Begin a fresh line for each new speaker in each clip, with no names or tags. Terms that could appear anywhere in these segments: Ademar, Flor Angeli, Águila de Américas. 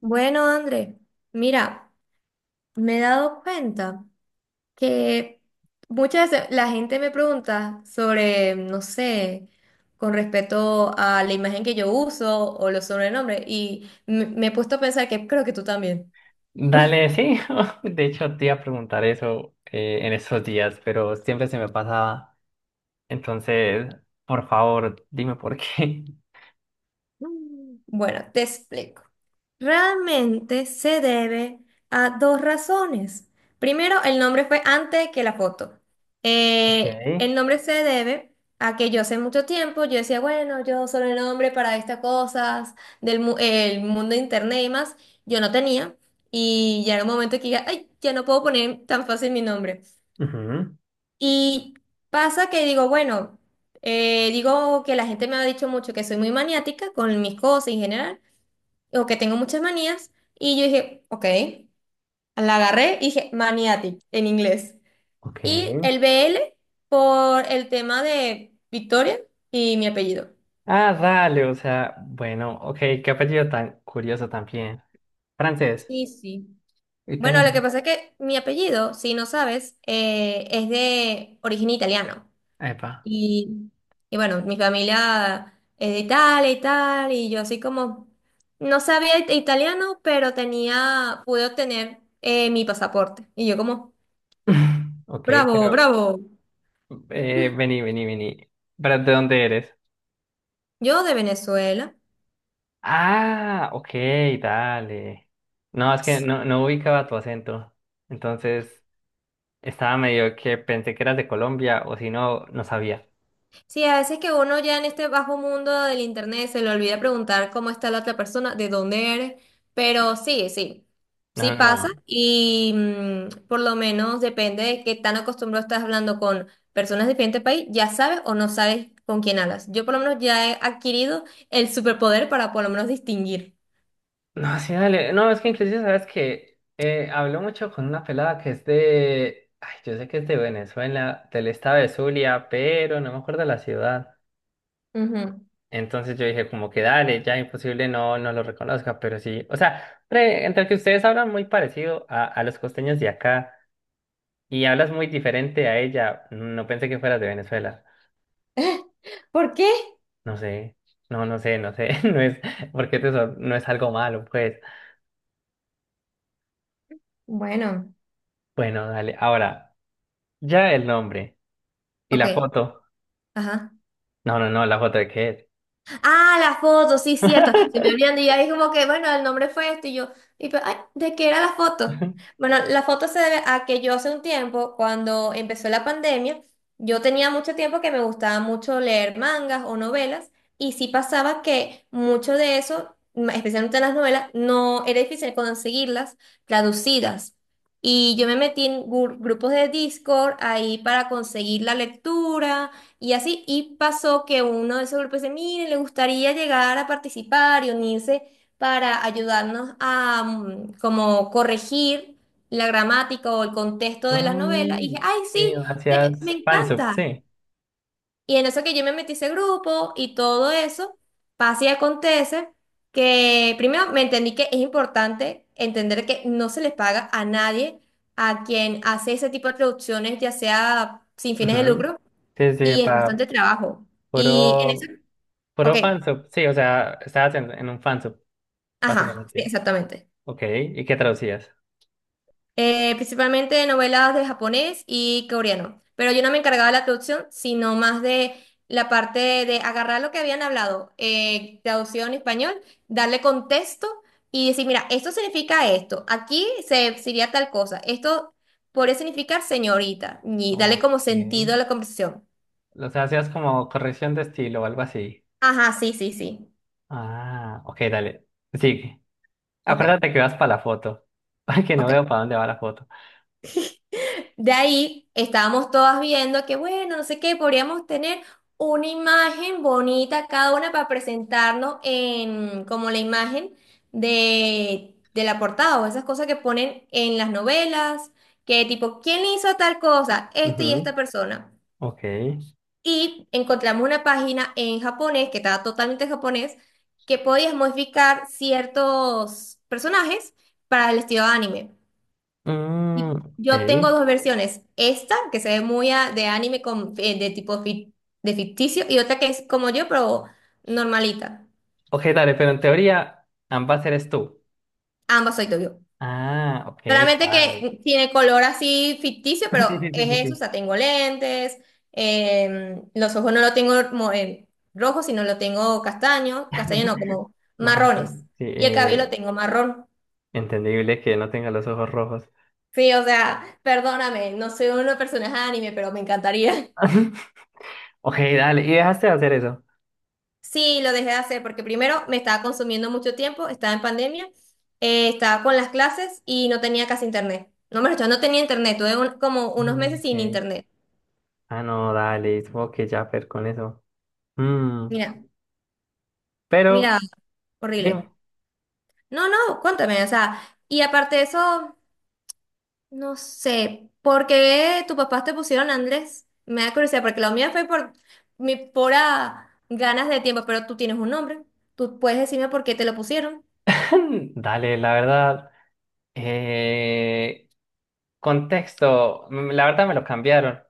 Bueno, André, mira, me he dado cuenta que muchas veces la gente me pregunta sobre, no sé, con respecto a la imagen que yo uso o los sobrenombres, y me he puesto a pensar que creo que tú también.
Dale, sí. De hecho, te iba a preguntar eso en esos días, pero siempre se me pasaba. Entonces, por favor, dime por qué.
Bueno, te explico. Realmente se debe a dos razones. Primero, el nombre fue antes que la foto.
Ok.
El nombre se debe a que yo hace mucho tiempo yo decía, bueno, yo solo el nombre para estas cosas el mundo de internet y más, yo no tenía. Y ya era un momento que diga, ay, ya no puedo poner tan fácil mi nombre.
Ujú.
Y pasa que digo, bueno, digo que la gente me ha dicho mucho que soy muy maniática con mis cosas en general o que tengo muchas manías. Y yo dije, ok, la agarré y dije maniatic en inglés.
Ok.
Y el BL por el tema de Victoria y mi apellido.
Ah, dale, o sea, bueno, ok, qué apellido tan curioso también. Francés,
Sí, sí. Bueno, lo
italiano.
que pasa es que mi apellido, si no sabes, es de origen italiano.
Epa.
Y, y bueno, mi familia es de Italia y tal, y yo así como no sabía it- italiano, pero tenía, pude obtener mi pasaporte. Y yo como,
Ok,
bravo,
pero
bravo.
vení. ¿Pero de dónde eres?
Yo de Venezuela.
Ah, ok, dale. No es que no ubicaba tu acento. Entonces, estaba medio que pensé que eras de Colombia o si no, no sabía.
Sí, a veces que uno ya en este bajo mundo del internet se le olvida preguntar cómo está la otra persona, de dónde eres, pero sí, sí, sí
No, no,
pasa
no.
y por lo menos depende de qué tan acostumbrado estás hablando con personas de diferente país, ya sabes o no sabes con quién hablas. Yo por lo menos ya he adquirido el superpoder para por lo menos distinguir.
No, sí, dale. No, es que inclusive sabes que habló mucho con una pelada que es de... Ay, yo sé que es de Venezuela, del estado de Zulia, pero no me acuerdo la ciudad.
Ujú.
Entonces yo dije como que dale, ya imposible no, no lo reconozca, pero sí. O sea, entre que ustedes hablan muy parecido a los costeños de acá y hablas muy diferente a ella, no pensé que fueras de Venezuela.
¿Por qué?
No sé, no sé, no es, porque no es algo malo, pues.
Bueno,
Bueno, dale, ahora, ya el nombre y la
ok,
foto.
ajá.
No, no, no, la foto de qué es.
Ah, la foto, sí, cierto. Se me olvidan y yo ahí como que, bueno, el nombre fue este y yo, y pues, ay, ¿de qué era la foto? Bueno, la foto se debe a que yo hace un tiempo, cuando empezó la pandemia, yo tenía mucho tiempo que me gustaba mucho leer mangas o novelas y sí pasaba que mucho de eso, especialmente las novelas, no era difícil conseguirlas traducidas. Y yo me metí en grupos de Discord ahí para conseguir la lectura y así, y pasó que uno de esos grupos dice, miren, le gustaría llegar a participar y unirse para ayudarnos a como corregir la gramática o el contexto de las novelas. Y
Mm,
dije, ay,
sí,
sí, me
gracias, fansub,
encanta.
sí.
Y en eso que yo me metí a ese grupo y todo eso, pasa y acontece que primero me entendí que es importante entender que no se les paga a nadie a quien hace ese tipo de traducciones, ya sea sin fines de
Ujú.
lucro
Sí, sí,
y es
para
bastante trabajo. Y en eso,
puro,
ok,
puro fansub, sí, o sea, estabas en un fansub,
ajá, sí,
básicamente.
exactamente.
Ok, ¿y qué traducías?
Principalmente novelas de japonés y coreano. Pero yo no me encargaba de la traducción, sino más de la parte de agarrar lo que habían hablado, traducido en español, darle contexto y decir, mira, esto significa esto, aquí se sería tal cosa, esto podría significar señorita, y darle
Ok.
como sentido a la conversación.
O sea, hacías como corrección de estilo o algo así.
Ajá, sí, sí, sí.
Ah, ok, dale, sigue.
Ok,
Acuérdate que vas para la foto. Porque no
ok.
veo para dónde va la foto.
De ahí estábamos todas viendo que, bueno, no sé qué, podríamos tener una imagen bonita cada una para presentarnos en como la imagen de la portada o esas cosas que ponen en las novelas, que tipo, ¿quién hizo tal cosa? Este
Ujú.
y esta persona.
Ok.
Y encontramos una página en japonés, que estaba totalmente en japonés, que podías modificar ciertos personajes para el estilo anime.
Mm,
Y
ok.
yo tengo dos versiones. Esta, que se ve muy de anime con, de de ficticio, y otra que es como yo, pero normalita.
Ok, dale, pero en teoría ambas eres tú.
Ambas soy yo.
Ah, ok,
Solamente
dale.
que tiene color así ficticio, pero
Sí, sí, sí, sí,
es eso, o
sí.
sea, tengo lentes, em, los ojos no los tengo rojos, sino lo tengo castaño, castaño no, como
No,
marrones.
sí,
Y el cabello lo tengo marrón.
entendible que no tenga los ojos rojos.
Sí, o sea, perdóname, no soy una persona de anime, pero me encantaría.
Ok, dale, y dejaste de hacer eso.
Sí, lo dejé de hacer porque primero me estaba consumiendo mucho tiempo, estaba en pandemia, estaba con las clases y no tenía casi internet. No me lo no tenía internet, tuve como unos
Mm,
meses
ok.
sin internet.
Ah, no, dale, supongo que ya per con eso. Mm,
Mira,
pero,
mira,
dime.
horrible. No, no, cuéntame, o sea, y aparte de eso, no sé, ¿por qué tus papás te pusieron Andrés? Me da curiosidad, porque la mía fue por mi pura ganas de tiempo, pero tú tienes un nombre, tú puedes decirme por qué te lo pusieron.
Dale, la verdad, eh, contexto, mm, la verdad me lo cambiaron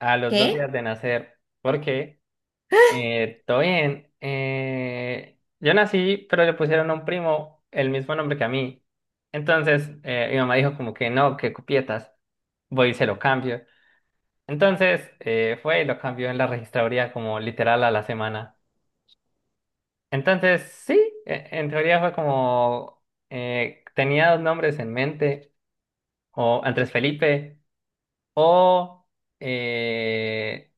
a los dos
¿Qué?
días de nacer, porque todo bien. Yo nací, pero le pusieron a un primo el mismo nombre que a mí. Entonces, mi mamá dijo como que no, que cupietas, voy y se lo cambio. Entonces, fue y lo cambió en la registraduría como literal a la semana. Entonces, sí, en teoría fue como, tenía dos nombres en mente, o Andrés Felipe, o eh,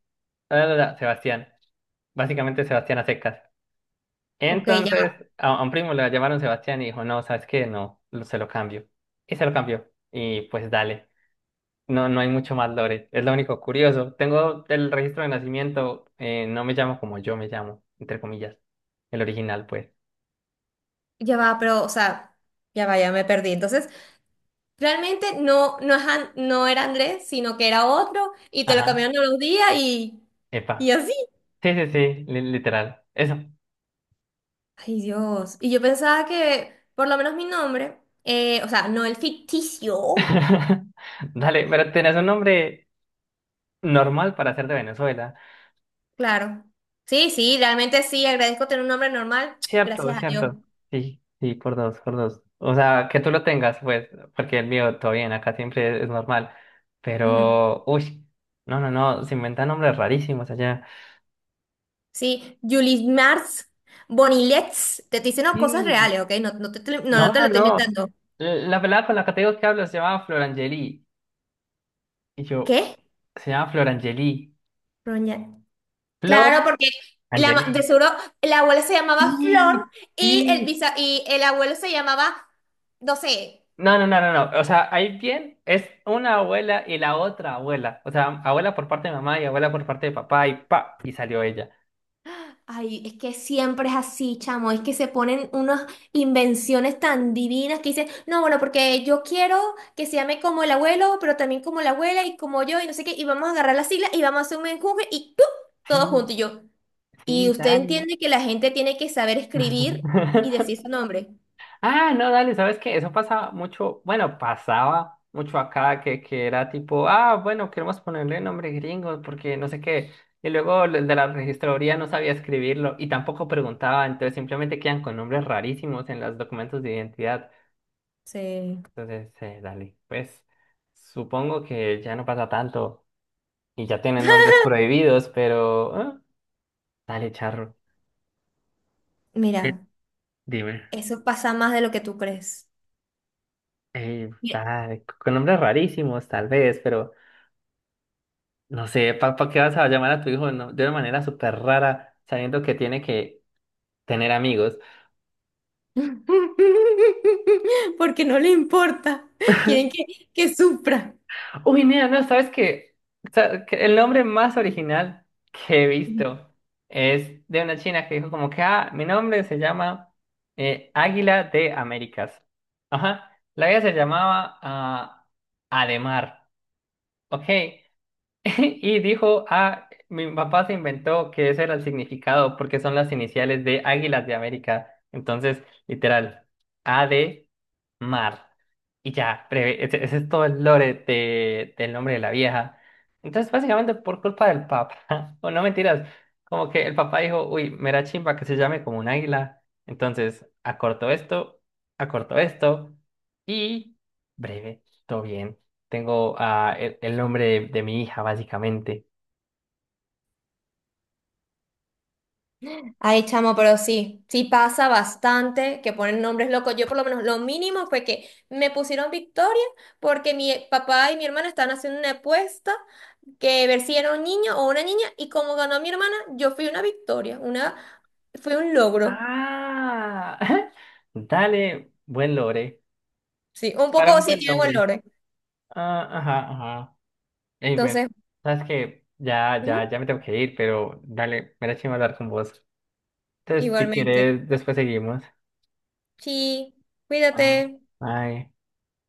Sebastián. Básicamente Sebastián a secas.
Ok,
Entonces, a un primo le llamaron Sebastián y dijo, no, ¿sabes qué? No, se lo cambio. Y se lo cambió. Y pues dale. No, no hay mucho más lore. Es lo único curioso. Tengo el registro de nacimiento. No me llamo como yo me llamo, entre comillas. El original, pues.
ya va, pero, o sea, ya va, ya me perdí. Entonces, realmente no, no, es no era Andrés, sino que era otro, y te lo
Ajá.
cambiaron a los días y
Epa.
así.
Sí, sí, sí. Literal. Eso.
Ay, Dios. Y yo pensaba que, por lo menos mi nombre, o sea, no el ficticio.
Dale, pero tenés un nombre normal para ser de Venezuela.
Claro. Sí, sí, realmente sí, agradezco tener un nombre normal.
Cierto,
Gracias a Dios.
cierto. Sí, sí, por dos, por dos. O sea, que tú lo tengas, pues, porque el mío todo bien, acá siempre es normal.
Ujú.
Pero, uy, no, no, no, se inventan nombres rarísimos allá.
Sí, Julie Mars, Bonilets, te estoy diciendo cosas
Sí.
reales, ¿ok? No, no,
No,
no te lo
no,
estoy
no.
inventando.
La pelada con la que te digo que hablo se llama Flor Angeli. Y yo,
¿Qué?
se llama Flor Angeli. Flor
Claro, porque la, de
Angeli.
seguro la abuela se llamaba Flor
Sí,
y
sí.
y el abuelo se llamaba, no sé.
No, no, no, no, no. O sea, ahí bien es una abuela y la otra abuela. O sea, abuela por parte de mamá y abuela por parte de papá y pa, y salió ella.
Ay, es que siempre es así, chamo. Es que se ponen unas invenciones tan divinas que dicen, no, bueno, porque yo quiero que se llame como el abuelo, pero también como la abuela y como yo y no sé qué. Y vamos a agarrar las siglas y vamos a hacer un enjuje y ¡pum! Todo
Sí,
junto y yo. Y
sí,
usted
dale.
entiende que la gente tiene que saber escribir y decir su nombre.
Ah, no, dale, ¿sabes qué? Eso pasa mucho, bueno, pasaba mucho acá que era tipo, ah, bueno, queremos ponerle nombre gringo porque no sé qué. Y luego el de la registraduría no sabía escribirlo y tampoco preguntaba, entonces simplemente quedan con nombres rarísimos en los documentos de identidad.
Sí.
Entonces, dale, pues supongo que ya no pasa tanto y ya tienen nombres prohibidos, pero... ah, dale, charro. Eh,
Mira.
Dime.
Eso pasa más de lo que tú crees. Mira,
Tal, con nombres rarísimos, tal vez, pero no sé, ¿para qué vas a llamar a tu hijo no, de una manera súper rara, sabiendo que tiene que tener amigos?
porque no le importa. Quieren que sufra.
Uy, mira, no, ¿sabes qué? Sa- que El nombre más original que he visto es de una china que dijo como que, ah, mi nombre se llama Águila de Américas. Ajá, la vida se llamaba ah, Ademar, ¿ok? Y dijo, ah, mi papá se inventó que ese era el significado porque son las iniciales de Águilas de América. Entonces, literal, A de mar. Y ya, breve, ese es todo el lore del nombre de la vieja. Entonces, básicamente por culpa del papá, o no mentiras, como que el papá dijo, uy, me da chimba que se llame como un águila. Entonces, acortó esto y breve, todo bien. Tengo ah, el nombre de mi hija, básicamente.
Ay, chamo, pero sí, sí pasa bastante que ponen nombres locos. Yo por lo menos lo mínimo fue que me pusieron Victoria porque mi papá y mi hermana estaban haciendo una apuesta que ver si era un niño o una niña y como ganó mi hermana, yo fui una victoria, una fue un logro.
Ah, dale, buen lore.
Sí, un
Para
poco
un
sí
buen
tiene
nombre.
valores.
Ah, ajá, ajá. Ey, bueno,
Entonces,
sabes que
ujú,
ya me tengo que ir, pero dale, me da chimba hablar con vos. Entonces, si
igualmente.
quieres, después seguimos.
Sí,
Ah.
cuídate.
Bye.